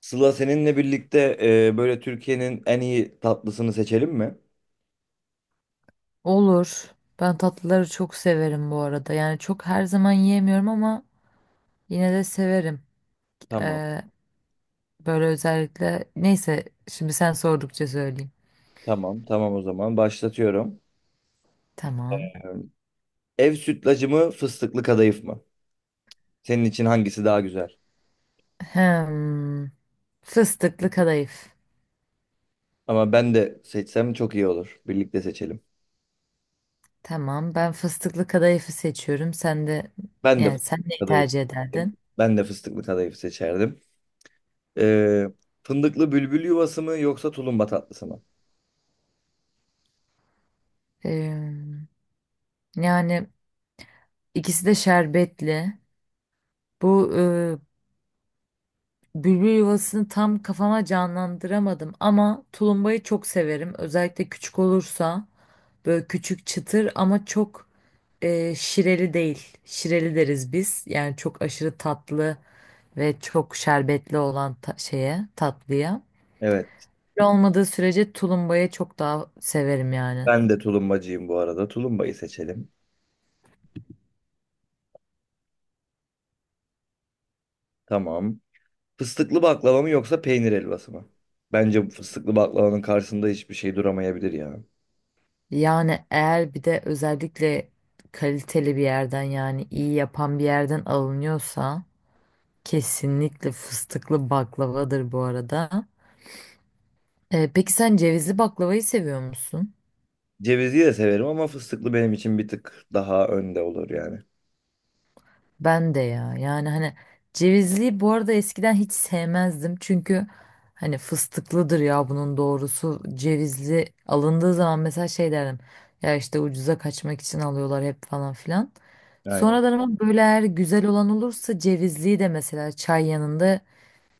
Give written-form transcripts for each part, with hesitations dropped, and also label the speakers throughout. Speaker 1: Sıla seninle birlikte böyle Türkiye'nin en iyi tatlısını seçelim mi?
Speaker 2: Olur. Ben tatlıları çok severim bu arada. Yani çok her zaman yiyemiyorum ama yine de severim.
Speaker 1: Tamam.
Speaker 2: Ee, Böyle özellikle neyse şimdi sen sordukça söyleyeyim.
Speaker 1: Tamam, tamam o zaman başlatıyorum. E,
Speaker 2: Tamam.
Speaker 1: Ev sütlacı mı, fıstıklı kadayıf mı? Senin için hangisi daha güzel?
Speaker 2: Hem fıstıklı kadayıf.
Speaker 1: Ama ben de seçsem çok iyi olur. Birlikte seçelim.
Speaker 2: Tamam. Ben fıstıklı kadayıfı seçiyorum. Sen de
Speaker 1: Ben de
Speaker 2: yani sen
Speaker 1: fıstıklı
Speaker 2: neyi
Speaker 1: kadayıf.
Speaker 2: tercih ederdin?
Speaker 1: Ben de fıstıklı kadayıf seçerdim. E, Fındıklı bülbül yuvası mı yoksa tulumba tatlısı mı?
Speaker 2: Ee, Yani ikisi de şerbetli. Bu Bülbül yuvasını tam kafama canlandıramadım ama tulumbayı çok severim. Özellikle küçük olursa böyle küçük çıtır ama çok şireli değil. Şireli deriz biz. Yani çok aşırı tatlı ve çok şerbetli olan şeye tatlıya.
Speaker 1: Evet,
Speaker 2: Şöyle olmadığı sürece tulumbayı çok daha severim yani.
Speaker 1: ben de tulumbacıyım bu arada. Tulumbayı seçelim. Tamam. Fıstıklı baklava mı yoksa peynir helvası mı? Bence bu fıstıklı baklavanın karşısında hiçbir şey duramayabilir ya.
Speaker 2: Yani eğer bir de özellikle kaliteli bir yerden yani iyi yapan bir yerden alınıyorsa kesinlikle fıstıklı baklavadır bu arada. Peki sen cevizli baklavayı seviyor musun?
Speaker 1: Cevizli de severim ama fıstıklı benim için bir tık daha önde olur yani.
Speaker 2: Ben de ya. Yani hani cevizli bu arada eskiden hiç sevmezdim. Çünkü hani fıstıklıdır ya bunun doğrusu. Cevizli alındığı zaman mesela şey derdim. Ya işte ucuza kaçmak için alıyorlar hep falan filan.
Speaker 1: Aynen.
Speaker 2: Sonradan ama böyle eğer güzel olan olursa cevizliyi de mesela çay yanında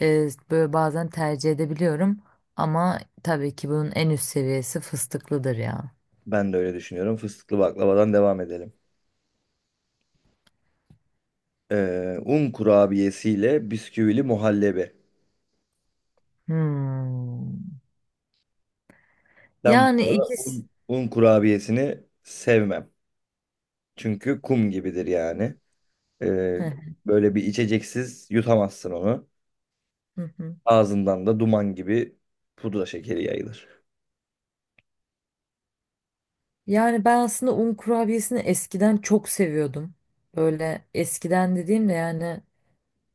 Speaker 2: böyle bazen tercih edebiliyorum ama tabii ki bunun en üst seviyesi fıstıklıdır ya.
Speaker 1: Ben de öyle düşünüyorum. Fıstıklı baklavadan devam edelim. Un kurabiyesiyle bisküvili muhallebi.
Speaker 2: Hmm.
Speaker 1: Ben
Speaker 2: Yani
Speaker 1: burada
Speaker 2: ikisi.
Speaker 1: un kurabiyesini sevmem. Çünkü kum gibidir yani. Ee,
Speaker 2: Heh,
Speaker 1: Böyle bir içeceksiz yutamazsın onu.
Speaker 2: hı hı.
Speaker 1: Ağzından da duman gibi pudra şekeri yayılır.
Speaker 2: Yani ben aslında un kurabiyesini eskiden çok seviyordum. Böyle eskiden dediğimde yani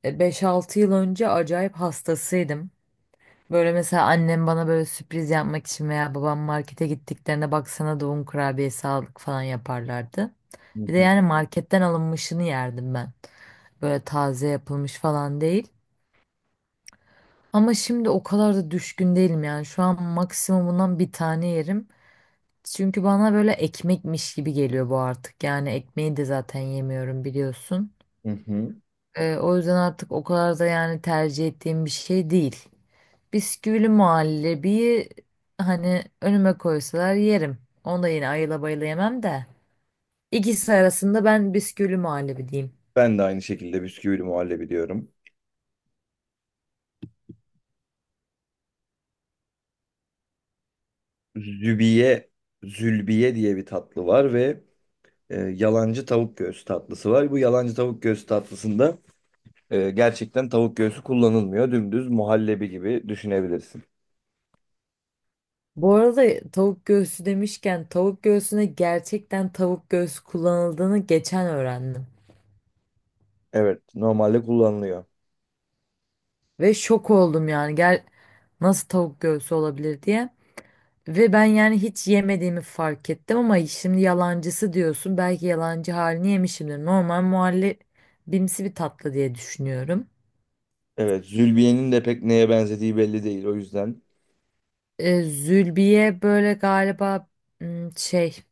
Speaker 2: 5-6 yıl önce acayip hastasıydım. Böyle mesela annem bana böyle sürpriz yapmak için veya babam markete gittiklerinde baksana da un kurabiyesi aldık falan yaparlardı.
Speaker 1: Hı
Speaker 2: Bir de
Speaker 1: hı.
Speaker 2: yani marketten alınmışını yerdim ben. Böyle taze yapılmış falan değil. Ama şimdi o kadar da düşkün değilim yani. Şu an maksimumundan bir tane yerim. Çünkü bana böyle ekmekmiş gibi geliyor bu artık. Yani ekmeği de zaten yemiyorum biliyorsun.
Speaker 1: Hı hı.
Speaker 2: O yüzden artık o kadar da yani tercih ettiğim bir şey değil. Bisküvili muhallebiyi hani önüme koysalar yerim. Onu da yine ayıla bayıla yemem de. İkisi arasında ben bisküvili muhallebi diyeyim.
Speaker 1: Ben de aynı şekilde bisküvili muhallebi diyorum. Zübiye, zülbiye diye bir tatlı var ve yalancı tavuk göğsü tatlısı var. Bu yalancı tavuk göğsü tatlısında gerçekten tavuk göğsü kullanılmıyor. Dümdüz muhallebi gibi düşünebilirsin.
Speaker 2: Bu arada tavuk göğsü demişken tavuk göğsüne gerçekten tavuk göğsü kullanıldığını geçen öğrendim.
Speaker 1: Evet, normalde kullanılıyor.
Speaker 2: Ve şok oldum yani gel nasıl tavuk göğsü olabilir diye. Ve ben yani hiç yemediğimi fark ettim ama şimdi yalancısı diyorsun. Belki yalancı halini yemişimdir. Normal muhallebimsi bir tatlı diye düşünüyorum.
Speaker 1: Evet, zülbiyenin de pek neye benzediği belli değil. O yüzden,
Speaker 2: Zülbiye böyle galiba şey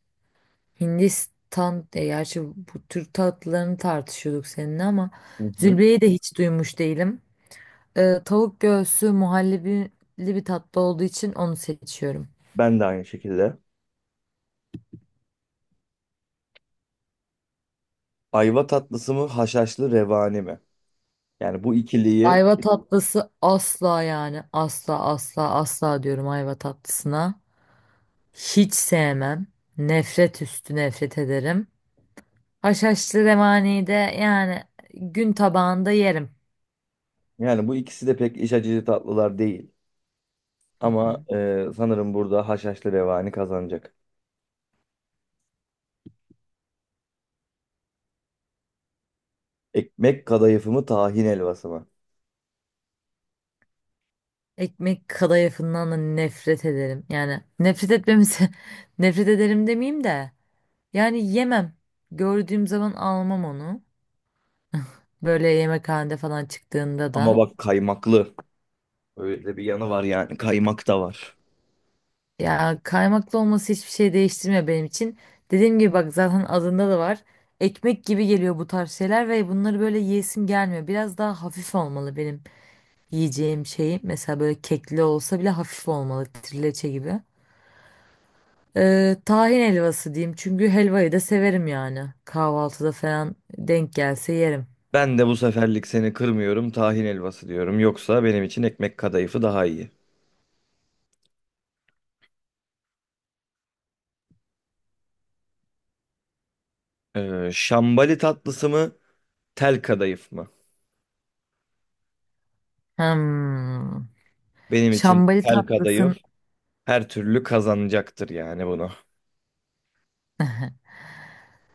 Speaker 2: Hindistan, gerçi bu Türk tatlılarını tartışıyorduk seninle ama
Speaker 1: hı hı,
Speaker 2: zülbeyi de hiç duymuş değilim. Tavuk göğsü muhallebili bir tatlı olduğu için onu seçiyorum.
Speaker 1: ben de aynı şekilde. Ayva tatlısı mı, haşhaşlı revani mi? Yani bu ikiliyi,
Speaker 2: Ayva tatlısı asla yani asla asla asla diyorum ayva tatlısına. Hiç sevmem. Nefret üstü nefret ederim. Haşhaşlı revani de yani gün tabağında yerim.
Speaker 1: yani bu ikisi de pek iç açıcı tatlılar değil.
Speaker 2: Hı
Speaker 1: Ama
Speaker 2: hı.
Speaker 1: sanırım burada haşhaşlı revani kazanacak. Ekmek kadayıfı mı tahin helvası mı?
Speaker 2: Ekmek kadayıfından da nefret ederim. Yani nefret etmemize nefret ederim demeyeyim de. Yani yemem. Gördüğüm zaman almam onu. Böyle yemekhanede falan çıktığında
Speaker 1: Ama
Speaker 2: da.
Speaker 1: bak kaymaklı. Öyle bir yanı var yani kaymak da var.
Speaker 2: Ya kaymaklı olması hiçbir şey değiştirmiyor benim için. Dediğim gibi bak zaten adında da var. Ekmek gibi geliyor bu tarz şeyler ve bunları böyle yiyesim gelmiyor. Biraz daha hafif olmalı benim yiyeceğim şeyim. Mesela böyle kekli olsa bile hafif olmalı. Trileçe gibi. Tahin helvası diyeyim. Çünkü helvayı da severim yani. Kahvaltıda falan denk gelse yerim.
Speaker 1: Ben de bu seferlik seni kırmıyorum tahin helvası diyorum. Yoksa benim için ekmek kadayıfı daha iyi. Şambali tatlısı mı tel kadayıf mı?
Speaker 2: Hmm.
Speaker 1: Benim için
Speaker 2: Şambali
Speaker 1: tel kadayıf
Speaker 2: tatlısın,
Speaker 1: her türlü kazanacaktır yani bunu.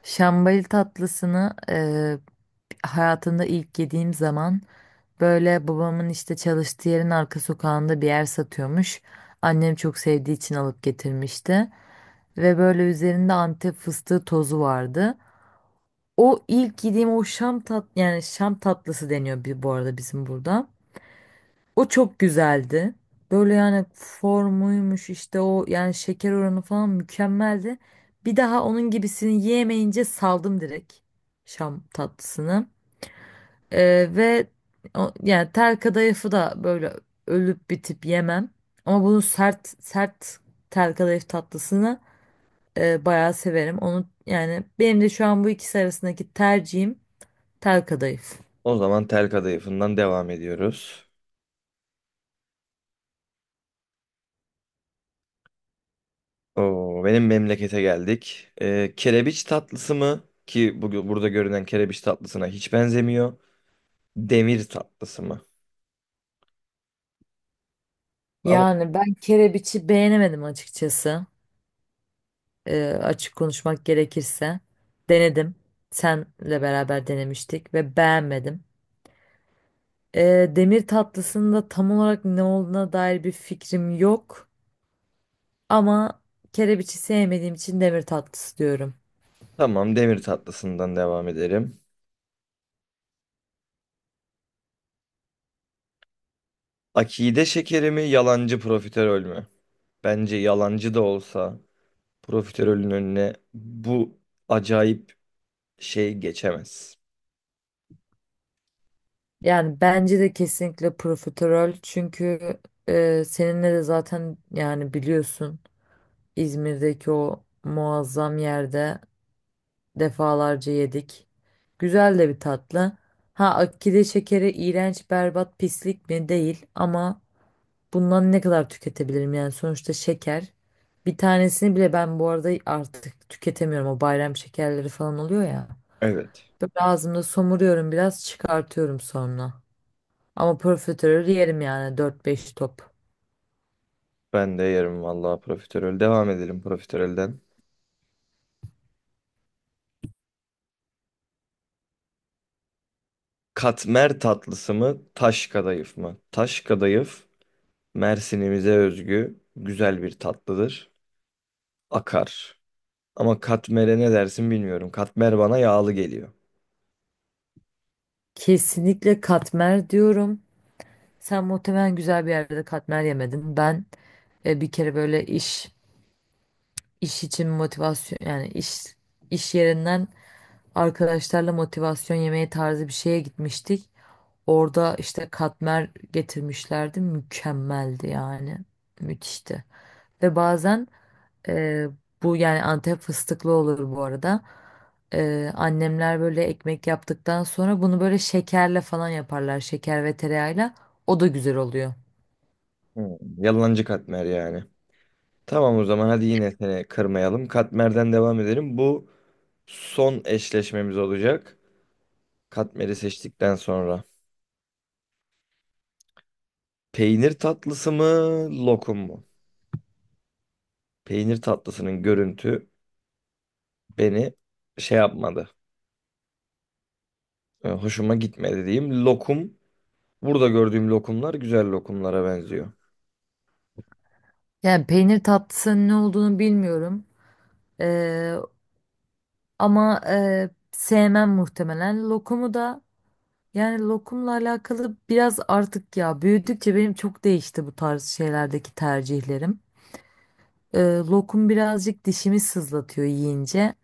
Speaker 2: şambali tatlısını hayatımda ilk yediğim zaman böyle babamın işte çalıştığı yerin arka sokağında bir yer satıyormuş. Annem çok sevdiği için alıp getirmişti. Ve böyle üzerinde Antep fıstığı tozu vardı. O ilk yediğim o şam tat yani şam tatlısı deniyor bir, bu arada bizim burada. O çok güzeldi. Böyle yani formuymuş işte o yani şeker oranı falan mükemmeldi. Bir daha onun gibisini yiyemeyince saldım direkt şam tatlısını. Ee, ve Yani tel kadayıfı da böyle ölüp bitip yemem. Ama bunu sert sert tel kadayıf tatlısını bayağı severim. Onu yani benim de şu an bu ikisi arasındaki tercihim tel kadayıf.
Speaker 1: O zaman tel kadayıfından devam ediyoruz. Oo, benim memlekete geldik. Kerebiç tatlısı mı ki bu, burada görünen kerebiç tatlısına hiç benzemiyor. Demir tatlısı mı? Ama
Speaker 2: Yani ben kerebiçi beğenemedim açıkçası. Açık konuşmak gerekirse denedim. Senle beraber denemiştik ve beğenmedim. Demir tatlısının da tam olarak ne olduğuna dair bir fikrim yok. Ama kerebiçi sevmediğim için demir tatlısı diyorum.
Speaker 1: tamam demir tatlısından devam edelim. Akide şekeri mi yalancı profiterol mü? Bence yalancı da olsa profiterolün önüne bu acayip şey geçemez.
Speaker 2: Yani bence de kesinlikle profiterol çünkü seninle de zaten yani biliyorsun İzmir'deki o muazzam yerde defalarca yedik. Güzel de bir tatlı. Ha akide şekeri iğrenç, berbat, pislik mi? Değil ama bundan ne kadar tüketebilirim yani sonuçta şeker. Bir tanesini bile ben bu arada artık tüketemiyorum. O bayram şekerleri falan oluyor ya.
Speaker 1: Evet,
Speaker 2: Böyle ağzımda somuruyorum biraz çıkartıyorum sonra. Ama profiterol yerim yani 4-5 top.
Speaker 1: ben de yerim vallahi profiterol. Devam edelim profiterolden. Katmer tatlısı mı taş kadayıf mı? Taş kadayıf Mersin'imize özgü güzel bir tatlıdır. Akar. Ama katmere ne dersin bilmiyorum. Katmer bana yağlı geliyor.
Speaker 2: Kesinlikle katmer diyorum. Sen muhtemelen güzel bir yerde katmer yemedin. Ben e, bir kere böyle iş İş için motivasyon yani iş yerinden arkadaşlarla motivasyon yemeği tarzı bir şeye gitmiştik. Orada işte katmer getirmişlerdi. Mükemmeldi yani. Müthişti. Ve bazen e, bu yani Antep fıstıklı olur bu arada. Annemler böyle ekmek yaptıktan sonra bunu böyle şekerle falan yaparlar. Şeker ve tereyağıyla. O da güzel oluyor.
Speaker 1: Hmm, yalancı katmer yani. Tamam o zaman hadi yine seni kırmayalım. Katmerden devam edelim. Bu son eşleşmemiz olacak. Katmeri seçtikten sonra. Peynir tatlısı mı, lokum mu? Peynir tatlısının görüntü beni şey yapmadı. Hoşuma gitmedi diyeyim. Lokum, burada gördüğüm lokumlar güzel lokumlara benziyor.
Speaker 2: Yani peynir tatlısının ne olduğunu bilmiyorum. E, Ama sevmem muhtemelen. Lokumu da yani lokumla alakalı biraz artık ya büyüdükçe benim çok değişti bu tarz şeylerdeki tercihlerim. Lokum birazcık dişimi sızlatıyor yiyince.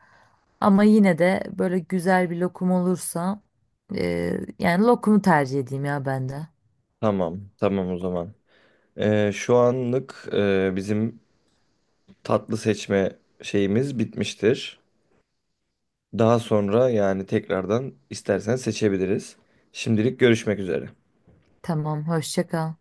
Speaker 2: Ama yine de böyle güzel bir lokum olursa e, yani lokumu tercih edeyim ya ben de.
Speaker 1: Tamam, tamam o zaman. Şu anlık bizim tatlı seçme şeyimiz bitmiştir. Daha sonra yani tekrardan istersen seçebiliriz. Şimdilik görüşmek üzere.
Speaker 2: Tamam, hoşça kal.